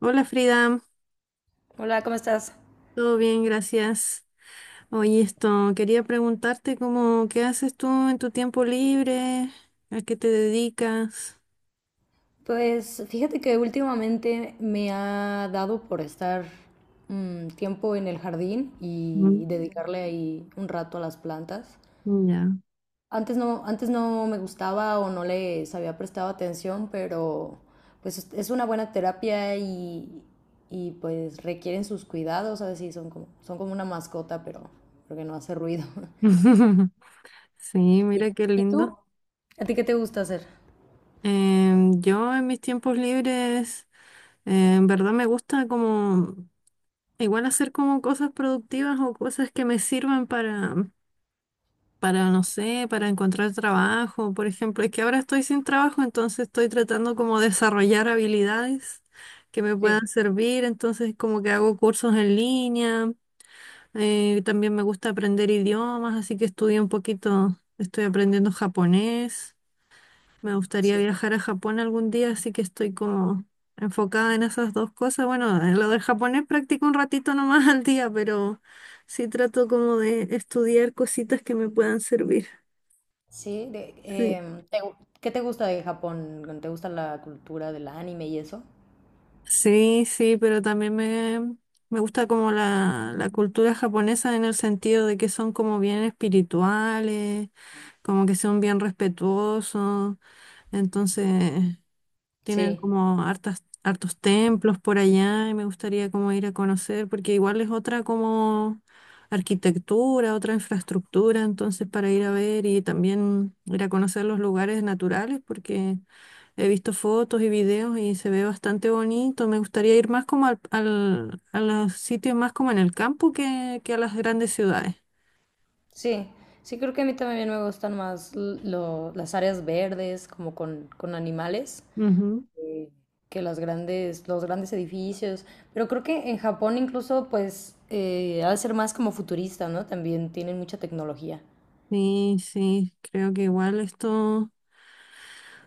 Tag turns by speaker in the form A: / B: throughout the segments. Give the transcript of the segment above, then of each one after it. A: Hola Frida,
B: Hola, ¿cómo estás?
A: todo bien, gracias. Oye, esto, quería preguntarte cómo, ¿qué haces tú en tu tiempo libre? ¿A qué te dedicas?
B: Pues fíjate que últimamente me ha dado por estar tiempo en el jardín y
A: Mm.
B: dedicarle ahí un rato a las plantas.
A: Ya.
B: Antes no me gustaba o no les había prestado atención, pero pues es una buena terapia y, pues requieren sus cuidados, a veces sí, son como una mascota, pero porque no hace ruido.
A: Sí,
B: ¿Y,
A: mira qué
B: y
A: lindo.
B: tú? ¿A ti qué te gusta hacer?
A: Yo en mis tiempos libres, en verdad me gusta como igual hacer como cosas productivas o cosas que me sirvan para, no sé, para encontrar trabajo, por ejemplo. Es que ahora estoy sin trabajo, entonces estoy tratando como de desarrollar habilidades que me
B: Sí.
A: puedan servir, entonces como que hago cursos en línea. También me gusta aprender idiomas, así que estudié un poquito, estoy aprendiendo japonés, me gustaría
B: Sí.
A: viajar a Japón algún día, así que estoy como enfocada en esas dos cosas. Bueno, en lo del japonés practico un ratito nomás al día, pero sí trato como de estudiar cositas que me puedan servir.
B: Sí, ¿qué te gusta de Japón? ¿Te gusta la cultura del anime y eso?
A: Sí, sí, pero también me gusta como la cultura japonesa en el sentido de que son como bien espirituales, como que son bien respetuosos, entonces tienen
B: Sí,
A: como hartas, hartos templos por allá y me gustaría como ir a conocer, porque igual es otra como arquitectura, otra infraestructura, entonces para ir a ver y también ir a conocer los lugares naturales, porque... He visto fotos y videos y se ve bastante bonito. Me gustaría ir más como a los sitios más como en el campo que a las grandes ciudades.
B: sí, sí, creo que a mí también me gustan más las áreas verdes, como con animales,
A: Ujú.
B: eh, que las grandes, los grandes edificios. Pero creo que en Japón incluso, pues, ha de ser más como futurista, ¿no? También tienen mucha tecnología.
A: Sí, sí, creo que igual esto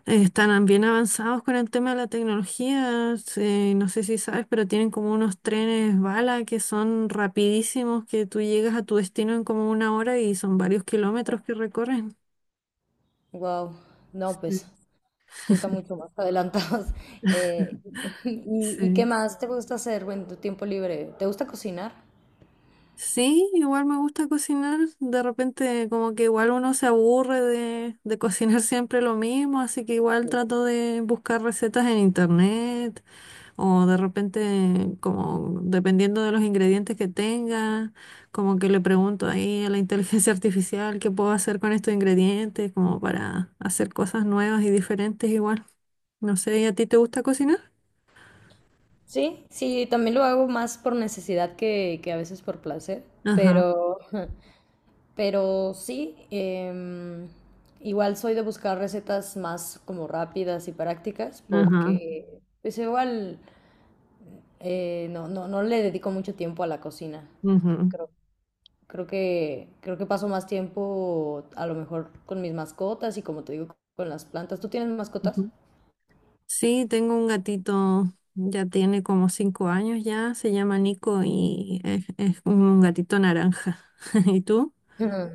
A: están bien avanzados con el tema de la tecnología. No sé si sabes, pero tienen como unos trenes bala que son rapidísimos, que tú llegas a tu destino en como una hora y son varios kilómetros que recorren.
B: Wow, no,
A: Sí.
B: pues. Sí, están mucho más adelantados. Eh, y, ¿y qué
A: Sí.
B: más te gusta hacer en tu tiempo libre? ¿Te gusta cocinar?
A: Sí, igual me gusta cocinar. De repente como que igual uno se aburre de cocinar siempre lo mismo, así que igual trato de buscar recetas en internet o de repente como dependiendo de los ingredientes que tenga, como que le pregunto ahí a la inteligencia artificial qué puedo hacer con estos ingredientes, como para hacer cosas nuevas y diferentes igual. No sé, ¿y a ti te gusta cocinar?
B: Sí, sí, también lo hago más por necesidad que a veces por placer,
A: Ajá,
B: pero, pero sí, igual soy de buscar recetas más como rápidas y prácticas
A: ajá,
B: porque pues igual no le dedico mucho tiempo a la cocina.
A: ujú,
B: Creo que paso más tiempo a lo mejor con mis mascotas y como te digo, con las plantas. ¿Tú tienes mascotas?
A: ujú. Sí, tengo un gatito, ya tiene como 5 años ya, se llama Nico y es un gatito naranja. ¿Y tú?
B: Ujú.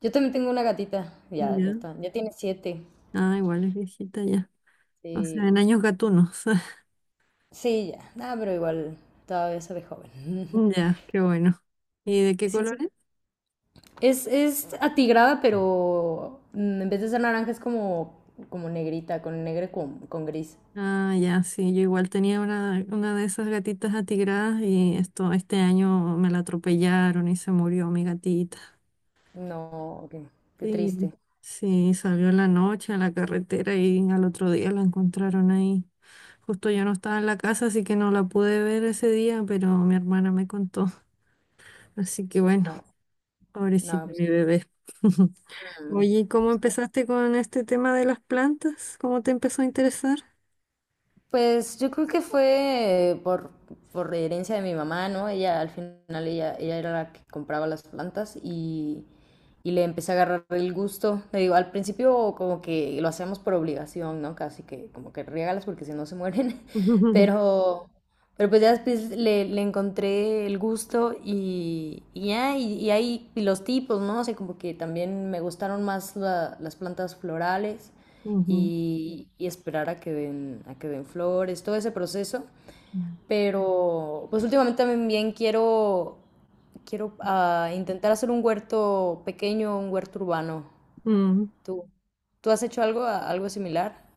B: Yo también tengo una gatita,
A: Ya.
B: ya tiene 7.
A: Ah, igual es viejita ya. O sea,
B: Sí,
A: en años gatunos.
B: sí, ya, nada, pero igual todavía se ve joven.
A: Ya, qué bueno. ¿Y de qué
B: Sí, sí.
A: colores?
B: Es atigrada, pero en vez de ser naranja es como, como negrita, con negro y con gris.
A: Ah, ya, sí, yo igual tenía una de esas gatitas atigradas y esto, este año me la atropellaron y se murió mi gatita.
B: No, qué, qué
A: Sí,
B: triste.
A: sí, salió en la noche a la carretera y al otro día la encontraron ahí. Justo yo no estaba en la casa, así que no la pude ver ese día, pero mi hermana me contó. Así que bueno,
B: No, no,
A: pobrecita
B: pues,
A: mi bebé.
B: mm,
A: Oye, ¿y ¿cómo
B: sí.
A: empezaste con este tema de las plantas? ¿Cómo te empezó a interesar?
B: Pues yo creo que fue por herencia de mi mamá, ¿no? Ella al final ella, ella era la que compraba las plantas y le empecé a agarrar el gusto. Le digo, al principio como que lo hacemos por obligación, ¿no? Casi que como que riégalas porque si no se mueren, pero, pero pues ya después le encontré el gusto y ya, y ahí y los tipos, ¿no? O sea, como que también me gustaron más las plantas florales
A: Ujú.
B: y esperar a que den flores, todo ese proceso. Pero pues últimamente también quiero, quiero intentar hacer un huerto pequeño, un huerto urbano.
A: Mm,
B: ¿Tú, tú has hecho algo, algo similar?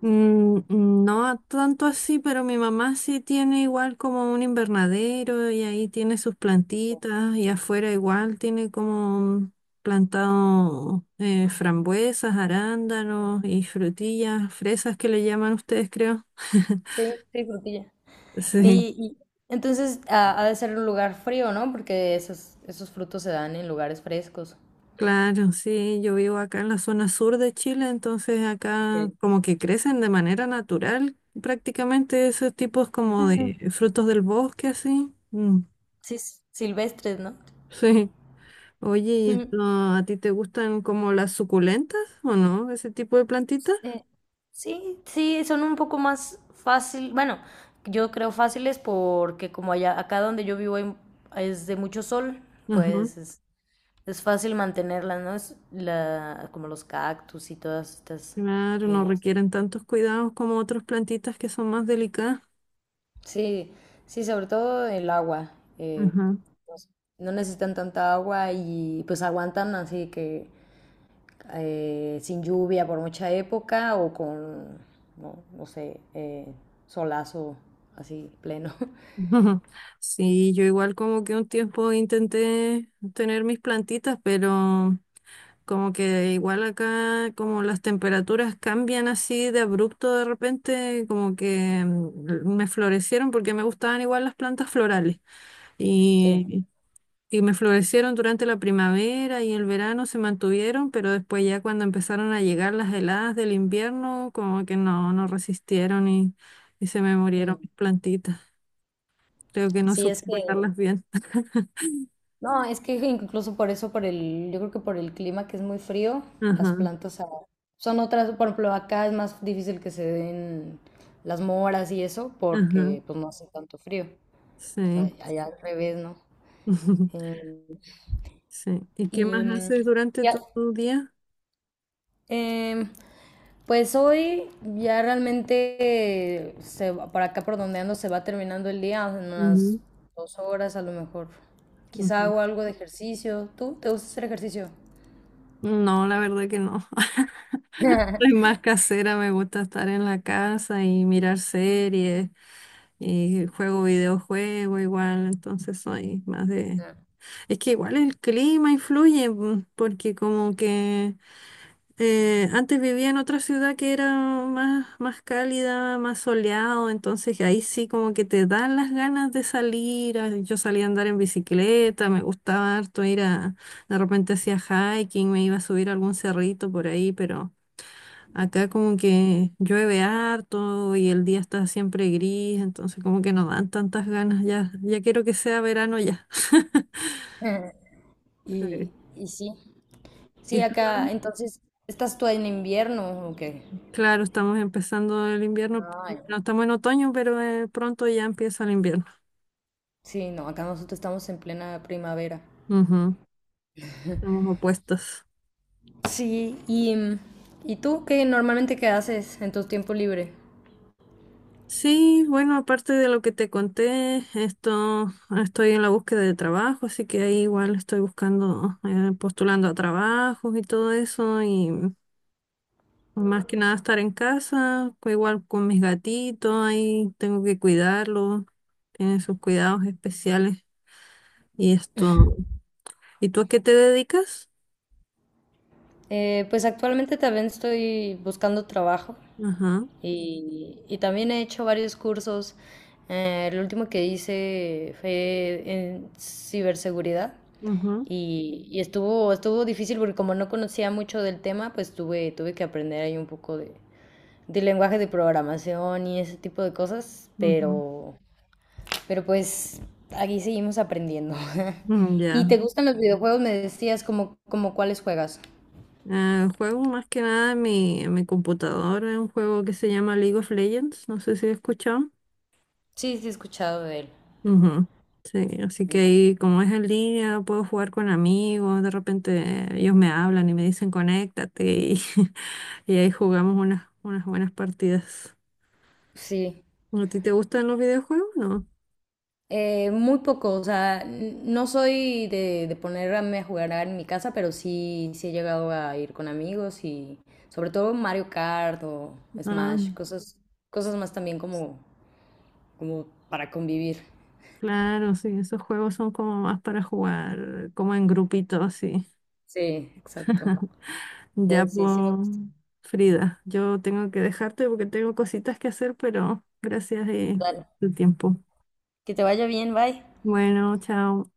A: No tanto así, pero mi mamá sí tiene igual como un invernadero y ahí tiene sus plantitas y afuera igual tiene como plantado frambuesas, arándanos y frutillas, fresas que le llaman ustedes, creo.
B: Sí, sí, frutilla.
A: Sí,
B: Y entonces ha de ser un lugar frío, ¿no? Porque esos, esos frutos se dan en lugares frescos.
A: claro, sí, yo vivo acá en la zona sur de Chile, entonces acá
B: Ok.
A: como que crecen de manera natural prácticamente esos tipos como
B: Ujú.
A: de frutos del bosque, así. Mm.
B: Sí, silvestres, ¿no?
A: Sí. Oye, ¿y
B: Ujú.
A: esto a ti te gustan como las suculentas o no? Ese tipo de plantitas.
B: Eh, sí, sí, son un poco más fácil, bueno, yo creo fáciles porque acá donde yo vivo, es de mucho sol,
A: Ajá.
B: pues es fácil mantenerlas, ¿no? Es la, como los cactus y todas estas.
A: Claro, no
B: eh,
A: requieren tantos cuidados como otras plantitas que son más delicadas.
B: sí, sí, sobre todo el agua. eh,
A: Ajá.
B: no no necesitan tanta agua y pues aguantan, así que sin lluvia por mucha época o con, no, no sé, solazo así pleno.
A: Sí, yo igual como que un tiempo intenté tener mis plantitas, pero como que igual acá como las temperaturas cambian así de abrupto de repente, como que mm, me florecieron porque me gustaban igual las plantas florales.
B: Sí.
A: Y, Y me florecieron durante la primavera y el verano se mantuvieron, pero después ya cuando empezaron a llegar las heladas del invierno, como que no, no resistieron y se me murieron
B: Mm.
A: mis plantitas. Creo que no
B: Sí,
A: supe
B: es que,
A: cuidarlas bien.
B: no, es que incluso por eso, por el, yo creo que por el clima que es muy frío, las
A: Ajá,
B: plantas son otras, por ejemplo, acá es más difícil que se den las moras y eso
A: ajá,
B: porque pues no hace tanto frío. O sea,
A: sí.
B: allá al revés, ¿no? Em,
A: Sí. ¿Y qué
B: y,
A: más haces durante
B: ya-
A: tu día?
B: Em, pues hoy ya realmente para acá por donde ando se va terminando el día en unas
A: Ujú,
B: 2 horas a lo mejor. Quizá
A: ujú.
B: hago algo de ejercicio. ¿Tú te gusta hacer ejercicio?
A: No, la verdad que no. Soy más casera, me gusta estar en la casa y mirar series. Y juego videojuego igual, entonces soy más de... Es que igual el clima influye, mm, porque como que antes vivía en otra ciudad que era más cálida, más soleado, entonces ahí sí como que te dan las ganas de salir. Yo salía a andar en bicicleta, me gustaba harto ir a... De repente hacía hiking, me iba a subir a algún cerrito por ahí, pero... Acá como que llueve harto y el día está siempre gris, entonces como que no dan tantas ganas ya. Ya quiero que sea verano ya.
B: Y,
A: Sí.
B: y sí, sí,
A: ¿Y tú?
B: acá, entonces, ¿estás tú en invierno o qué?
A: Claro, estamos empezando el invierno,
B: Ay,
A: no estamos en otoño, pero pronto ya empieza el invierno.
B: sí, no, acá nosotros estamos en plena primavera.
A: Ujú. Estamos opuestas.
B: Sí, y, ¿y tú qué normalmente qué haces en tu tiempo libre?
A: Sí, bueno, aparte de lo que te conté, esto estoy en la búsqueda de trabajo, así que ahí igual estoy buscando, postulando a trabajos y todo eso, y más que nada estar en casa, igual con mis gatitos, ahí tengo que cuidarlos, tienen sus cuidados especiales y esto. ¿Y tú a qué te dedicas?
B: Pues actualmente también estoy buscando trabajo
A: Ajá,
B: y también he hecho varios cursos. El último que hice fue en ciberseguridad
A: ujú,
B: y estuvo, estuvo difícil porque como no conocía mucho del tema, pues tuve, tuve que aprender ahí un poco de lenguaje de programación y ese tipo de cosas,
A: ujú,
B: pero pues aquí seguimos aprendiendo.
A: mm.
B: ¿Y te
A: Ya.
B: gustan los videojuegos? Me decías como, como cuáles juegas.
A: Juego más que nada en mi computadora, un juego que se llama League of Legends, no sé si lo has escuchado.
B: Sí, sí, he escuchado de él.
A: Ujú. Sí, así que ahí como es en línea, puedo jugar con amigos, de repente ellos me hablan y me dicen conéctate y, y ahí jugamos unas buenas partidas.
B: Sí,
A: ¿A ti te gustan los videojuegos? No.
B: muy poco, o sea, no soy de ponerme a jugar en mi casa, pero sí, sí he llegado a ir con amigos y sobre todo Mario Kart o
A: Ah,
B: Smash, cosas, cosas más también como, como para convivir.
A: claro, sí, esos juegos son como más para jugar, como en grupitos, sí.
B: Sí, exacto.
A: Ya,
B: Pero sí,
A: pues,
B: sí me gusta.
A: Frida, yo tengo que dejarte porque tengo cositas que hacer, pero gracias de
B: Dale.
A: tu tiempo.
B: Que te vaya bien, bye.
A: Bueno, chao.